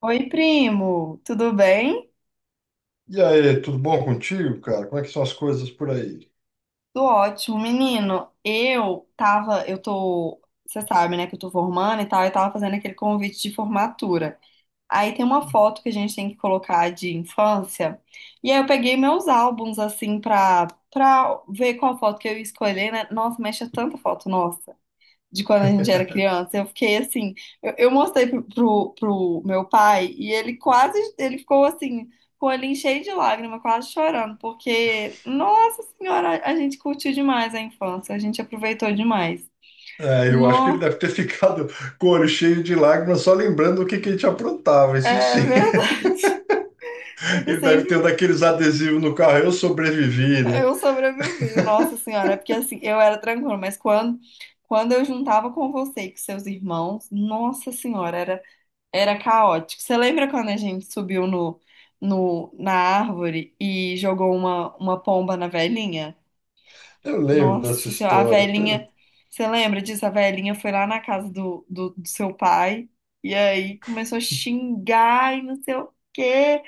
Oi, primo, tudo bem? E aí, tudo bom contigo, cara? Como é que são as coisas por aí? Tudo ótimo, menino. Eu tava, eu tô, você sabe, né, que eu tô formando e tal, eu tava fazendo aquele convite de formatura. Aí tem uma foto que a gente tem que colocar de infância. E aí eu peguei meus álbuns assim pra ver qual foto que eu ia escolher, né? Nossa, mexe tanta foto, nossa de quando a gente era criança. Eu fiquei assim, eu mostrei pro meu pai e ele quase, ele ficou assim, com o olhinho cheio de lágrima, quase chorando, porque, nossa senhora, a gente curtiu demais a infância, a gente aproveitou demais. É, eu acho que ele Nó, deve ter ficado com o olho cheio de lágrimas só lembrando o que que a gente aprontava, isso é sim. verdade. Ele Ele deve sempre, ter um daqueles adesivos no carro, eu sobrevivi, né? eu sobrevivi, nossa senhora, é porque assim, eu era tranquila, quando eu juntava com você e com seus irmãos, nossa senhora, era caótico. Você lembra quando a gente subiu no, no, na árvore e jogou uma pomba na velhinha? Eu lembro dessa Nossa senhora, a história. Velhinha. Você lembra disso? A velhinha foi lá na casa do seu pai e aí começou a xingar e não sei o quê.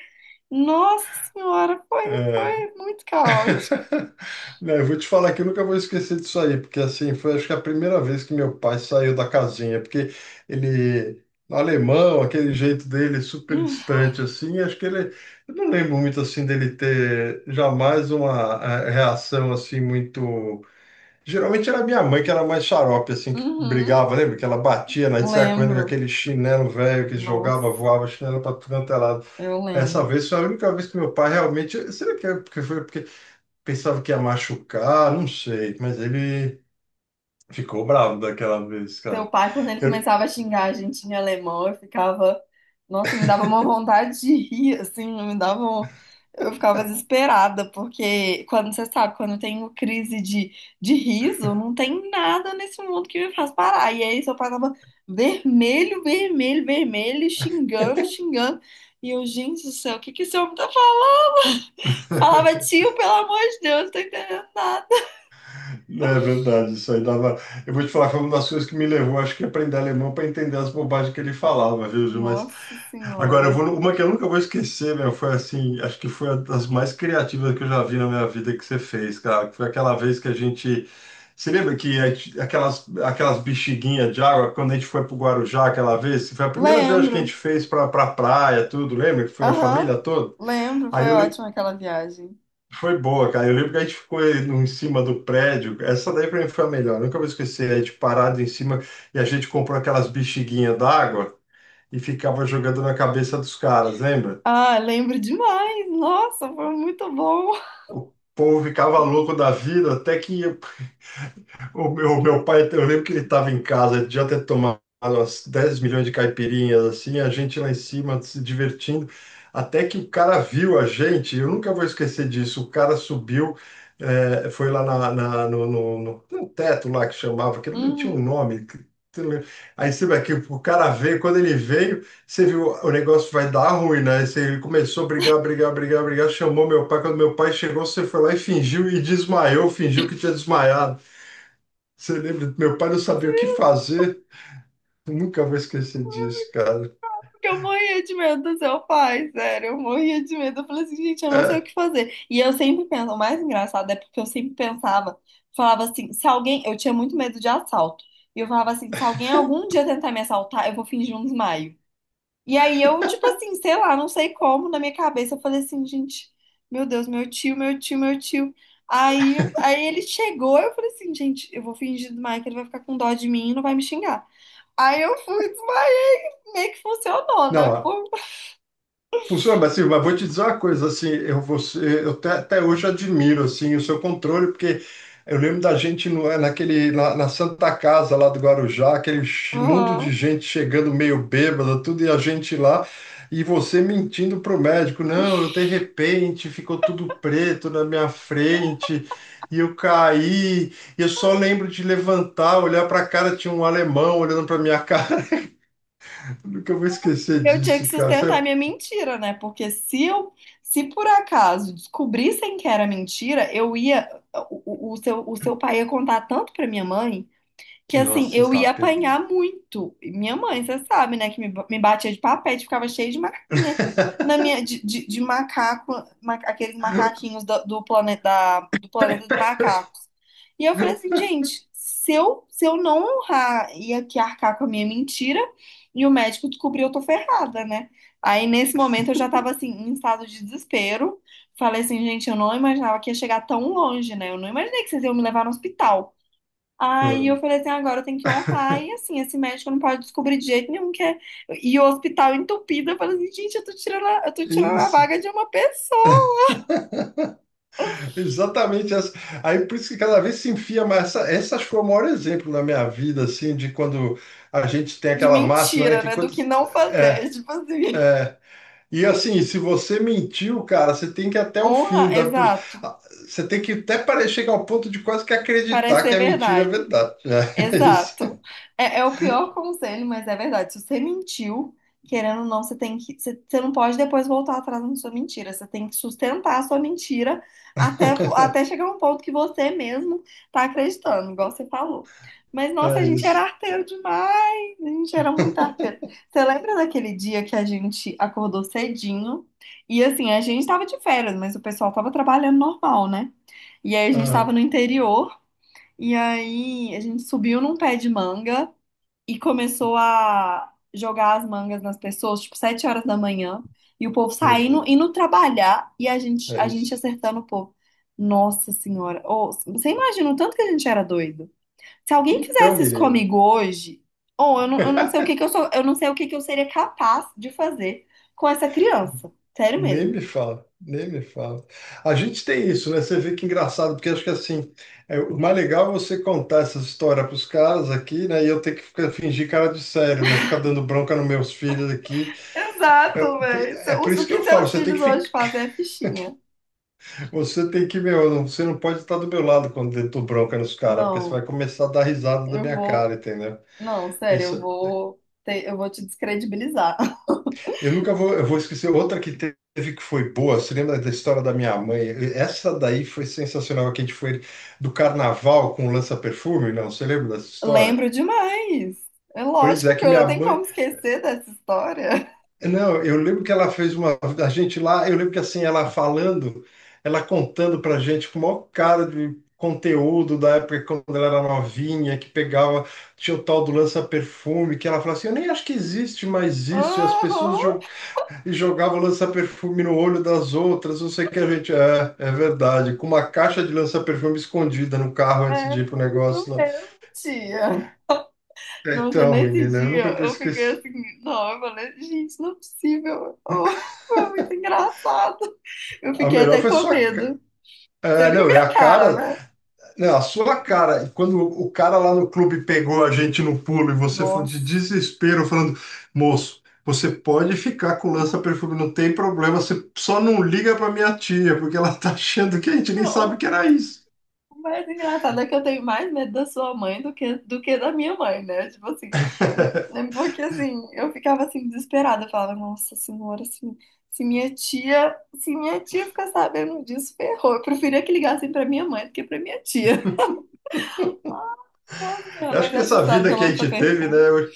Nossa senhora, É. foi muito caótico. Né, eu vou te falar que eu nunca vou esquecer disso aí, porque assim, foi acho que a primeira vez que meu pai saiu da casinha, porque ele, alemão, aquele jeito dele super distante assim, acho que ele, eu não lembro muito assim dele ter jamais uma reação assim muito, geralmente era minha mãe que era mais xarope assim, que Uhum, brigava, lembra? Que ela batia, né, e saia correndo com lembro. aquele chinelo velho que jogava, Nossa, voava chinelo para tudo quanto é lado. eu Essa lembro. vez foi a única vez que meu pai realmente. Será que é porque foi porque pensava que ia machucar, não sei, mas ele ficou bravo daquela vez, Seu cara. pai, quando ele Eu- começava a xingar a gente em alemão, eu ficava. Nossa, me dava uma vontade de rir, assim, me dava. Eu ficava desesperada, porque quando você sabe, quando eu tenho crise de riso, não tem nada nesse mundo que me faz parar. E aí seu pai tava vermelho, vermelho, vermelho, xingando, xingando. E eu, gente do céu, o que que esse homem tá falando? Falava, tio, pelo amor de Deus, não tô entendendo nada. Não, é verdade, isso aí dava. Eu vou te falar, foi uma das coisas que me levou, acho que, a aprender alemão para entender as bobagens que ele falava, viu, Ju? Mas Nossa agora, eu Senhora. vou numa que eu nunca vou esquecer, meu. Foi assim, acho que foi uma das mais criativas que eu já vi na minha vida que você fez, cara. Que Foi aquela vez que a gente. Você lembra que a aquelas, bexiguinhas de água, quando a gente foi pro Guarujá aquela vez? Foi a primeira viagem que a Lembro. gente fez pra praia, tudo, lembra? Que foi a Aham, família toda. lembro, Aí foi eu lembro. ótima aquela viagem. Foi boa, cara. Eu lembro que a gente ficou aí em cima do prédio. Essa daí pra mim foi a melhor. Nunca vou esquecer. A gente parado em cima e a gente comprou aquelas bexiguinhas d'água e ficava jogando na cabeça dos caras, lembra? Ah, lembro demais. Nossa, foi muito bom. O povo ficava louco da vida, até que o meu pai, eu lembro que ele estava em casa, ele já ter tomado umas 10 milhões de caipirinhas, assim, a gente lá em cima se divertindo, até que o cara viu a gente, eu nunca vou esquecer disso, o cara subiu, foi lá na, no, tem um teto lá que chamava, que não tinha um Uhum. nome, que eu lembro. Aí você vê que o cara veio, quando ele veio, você viu, o negócio vai dar ruim, né? Ele começou a brigar, brigar, chamou meu pai, quando meu pai chegou, você foi lá e fingiu e desmaiou, fingiu que tinha desmaiado. Você lembra? Meu pai não sabia o que fazer. Nunca vou esquecer disso, cara. Porque eu morria de medo do seu pai, sério, eu morria de medo. Eu falei assim, gente, eu não sei o É. que fazer. E eu sempre penso, o mais engraçado é porque eu sempre pensava, falava assim, se alguém, eu tinha muito medo de assalto. E eu falava assim, se alguém algum dia tentar me assaltar, eu vou fingir um desmaio. E aí eu, tipo assim, sei lá, não sei como, na minha cabeça eu falei assim, gente, meu Deus, meu tio. Aí ele chegou, eu falei assim, gente, eu vou fingir demais que ele vai ficar com dó de mim e não vai me xingar. Aí eu fui, desmaiei, meio que funcionou, né? Não, Pô, funciona, mas, assim, mas vou te dizer uma coisa, assim, eu, você, eu até, até hoje admiro, assim, o seu controle, porque eu lembro da gente no, naquele, na, na Santa Casa lá do Guarujá, aquele mundo de aham. gente chegando meio bêbada, tudo, e a gente lá, e você mentindo pro médico, não, eu de repente ficou tudo preto na minha frente, e eu caí, e eu só lembro de levantar, olhar pra cara, tinha um alemão olhando pra minha cara, nunca vou esquecer Eu tinha que disso, cara. Sustentar minha mentira, né? Porque se eu, se por acaso descobrissem que era mentira, eu ia, o seu pai ia contar tanto pra minha mãe. Que assim, Nossa, eu eu ia estava apanhar perdido. muito. E Minha mãe, você sabe, né, que me batia de papete, ficava cheia de marquinha na minha de macaco, aqueles macaquinhos do planeta dos macacos. E eu falei assim, gente, se eu não honrar e aqui arcar com a minha mentira, e o médico descobriu, eu tô ferrada, né? Aí nesse momento eu já tava assim, em estado de desespero. Falei assim, gente, eu não imaginava que ia chegar tão longe, né? Eu não imaginei que vocês iam me levar no hospital. Aí eu Hum, falei assim, agora eu tenho que honrar. E assim, esse médico não pode descobrir de jeito nenhum que é. E o hospital entupido. Eu falei assim, gente, eu tô tirando a Isso, vaga de uma pessoa. exatamente essa. Aí por isso que cada vez se enfia mais. Essa foi o maior exemplo na minha vida, assim, de quando a gente tem De aquela máxima, né? mentira, Que né? Do quando, que não fazer. é, Tipo assim, e assim, se você mentiu, cara, você tem que ir até o fim. honra, exato. Ah, você tem que até parecer chegar ao ponto de quase que Parece acreditar que ser a mentira é verdade. verdade. Né? É, isso, Exato. É, é o pior conselho, mas é verdade. Se você mentiu, querendo ou não, você tem que, você, você não pode depois voltar atrás na sua mentira. Você tem que sustentar a sua mentira até chegar a um ponto que você mesmo tá acreditando, igual você falou. Mas, nossa, a é gente era isso. arteiro demais. A gente era muito arteiro. Você lembra daquele dia que a gente acordou cedinho? E assim, a gente tava de férias, mas o pessoal tava trabalhando normal, né? E aí a gente Ah, tava no interior. E aí a gente subiu num pé de manga e começou a jogar as mangas nas pessoas, tipo, 7 horas da manhã, e o povo meu saindo, Deus, indo trabalhar e é a gente isso. acertando o povo. Nossa Senhora, ô, você imagina o tanto que a gente era doido? Se alguém Então, fizesse isso menino. comigo hoje, ou eu não sei o que que eu sou, eu não sei o que que eu seria capaz de fazer com essa criança. Sério Nem mesmo. me fala, nem me fala. A gente tem isso, né? Você vê que engraçado, porque acho que assim, é, o mais legal é você contar essas histórias para os caras aqui, né? E eu ter que ficar, fingir cara de sério, né? Ficar dando bronca nos meus filhos aqui. Exato, velho. É, é por O isso que que eu falo, seus você tem que filhos hoje ficar, fazem é fichinha. você tem que, meu, você não pode estar do meu lado quando eu dou bronca nos caras, porque você Não, vai começar a dar risada da eu minha cara, vou. entendeu? Não, sério, Isso, eu vou te descredibilizar. eu nunca vou, eu vou esquecer outra que teve que foi boa. Você lembra da história da minha mãe? Essa daí foi sensacional, que a gente foi do carnaval com o lança-perfume, não? Você lembra dessa história? Lembro demais. É Pois lógico é, que que eu minha não tenho mãe. como esquecer dessa história. Não, eu lembro que ela fez uma. A gente lá, eu lembro que assim, ela falando, ela contando pra gente com o maior cara de conteúdo da época quando ela era novinha, que pegava, tinha o tal do lança-perfume, que ela falava assim: eu nem acho que existe mais isso, e as pessoas Aham, e jogava lança-perfume no olho das outras. Não sei o que a gente é, é verdade. Com uma caixa de lança-perfume escondida no carro antes é de ir pro negócio isso lá. mesmo, tia. Nossa, Então, nesse menina, eu dia nunca vou eu fiquei esquecer. assim, não, eu falei, gente, não é possível. Oh, foi muito engraçado. Eu A fiquei melhor até foi com sua. Medo. Você É, viu não, é minha a cara, cara. né? Não, a sua cara. E quando o cara lá no clube pegou a gente no pulo e você foi de Nossa. desespero falando, moço, você pode ficar com lança-perfume, não tem problema. Você só não liga pra minha tia, porque ela tá achando que a gente nem sabe Não. que era isso. O mais engraçado é que eu tenho mais medo da sua mãe do que da minha mãe, né? Tipo assim, porque assim, eu ficava assim desesperada, eu falava, nossa senhora, assim, se minha tia ficar sabendo disso, ferrou. Eu preferia que ligassem pra minha mãe do que pra minha tia. Nossa senhora, Eu acho mas que essa essa história vida do que a gente teve, lança-perfume, né, hoje,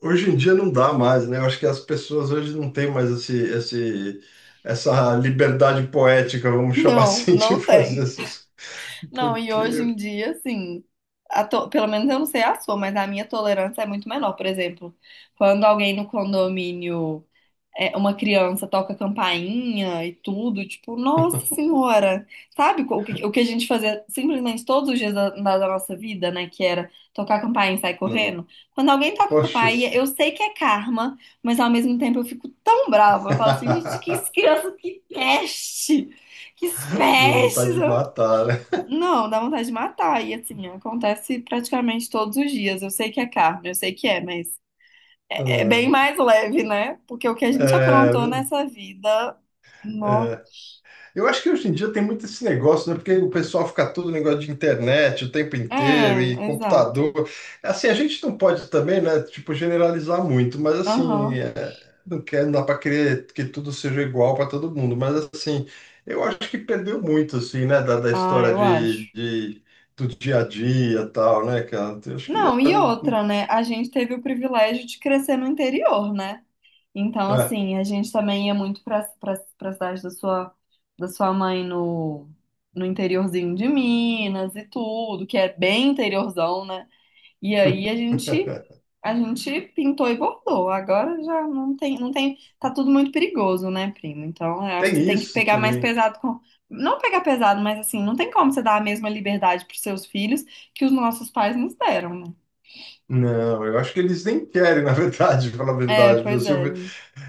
hoje em dia não dá mais, né? Eu acho que as pessoas hoje não têm mais esse, essa liberdade poética, vamos chamar não, assim, não de fazer tem. essas. Coisas. Não, e hoje Porque, em dia, assim, pelo menos eu não sei a sua, mas a minha tolerância é muito menor. Por exemplo, quando alguém no condomínio é, uma criança toca campainha e tudo, tipo, nossa senhora, sabe o que a gente fazia simplesmente todos os dias da nossa vida, né? Que era tocar campainha e sair não, correndo. Quando alguém toca poxa, campainha, eu sei que é karma, mas ao mesmo tempo eu fico tão brava. Eu falo assim, gente, que criança, que peste! Que não, pestes! vontade de matar, né? Não, dá vontade de matar. E assim, acontece praticamente todos os dias. Eu sei que é karma, eu sei que é, mas. É bem mais leve, né? Porque o que a É, gente é, aprontou nessa vida. Nó. eu acho que hoje em dia tem muito esse negócio, né? Porque o pessoal fica todo negócio de internet o tempo inteiro e É, exato. computador. Assim, a gente não pode também, né? Tipo, generalizar muito, mas assim, Aham. é, não quer, não dá para querer que tudo seja igual para todo mundo. Mas assim, eu acho que perdeu muito, assim, né? Da Ah, história eu acho. Do dia a dia e tal, né, cara? Eu acho que Não, e outra, né? A gente teve o privilégio de crescer no interior, né? Então, é. assim, a gente também ia muito pra cidade da sua mãe no, no interiorzinho de Minas e tudo, que é bem interiorzão, né? E aí a gente pintou e bordou. Agora já não tem não tem tá tudo muito perigoso, né, primo? Então, eu acho Tem que você tem que isso pegar mais também. pesado com não pegar pesado, mas assim, não tem como você dar a mesma liberdade para seus filhos que os nossos pais nos deram, né? Não, eu acho que eles nem querem, na verdade, falar a É, verdade. Viu? pois Assim, é.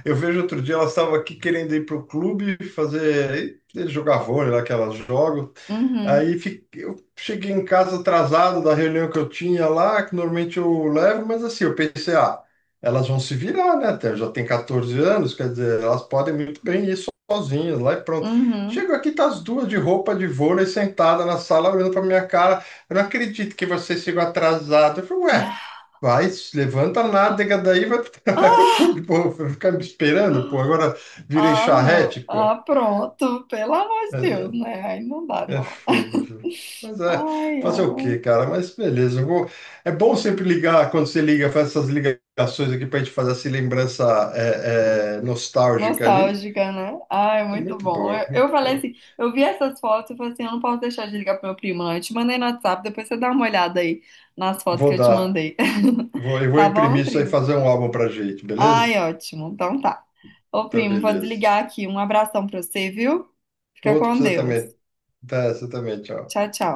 eu vejo outro dia, elas estavam aqui querendo ir para o clube fazer, jogar vôlei lá que elas jogam. Uhum. Eu cheguei em casa atrasado da reunião que eu tinha lá, que normalmente eu levo, mas assim, eu pensei, ah, elas vão se virar, né? Até já tem 14 anos, quer dizer, elas podem muito bem ir sozinhas lá e pronto. Chego Uhum. aqui, tá as duas de roupa de vôlei sentada na sala olhando para minha cara. Eu não acredito que vocês chegam atrasadas. Eu falei, ué, vai, se levanta a nádega daí, vai, vai pro clube, pô. Vai ficar me esperando, pô. Agora virei Ah, não. charrete, Ah, pô. pronto. Pelo amor de Mas Deus, é, né? Aí não dá, é não. fogo, viu? Mas é, Ai, fazer o ai. quê, cara? Mas beleza, eu vou... É bom sempre ligar, quando você liga, faz essas ligações aqui pra gente fazer essa lembrança é, é, nostálgica ali. Nostálgica, né? Ai, É muito muito bom. boa, Eu muito falei boa. assim, eu vi essas fotos e falei assim, eu não posso deixar de ligar pro meu primo, não. Eu te mandei no WhatsApp, depois você dá uma olhada aí nas fotos que Vou eu te dar, mandei. vou, eu vou Tá bom, imprimir isso aí e primo? fazer um álbum pra gente, Ai, beleza? ótimo. Então tá. Ô, Então, primo, vou beleza. desligar aqui. Um abração pra você, viu? Fica Outro pra com você Deus. também. Tá, você também, tchau. Tchau, tchau.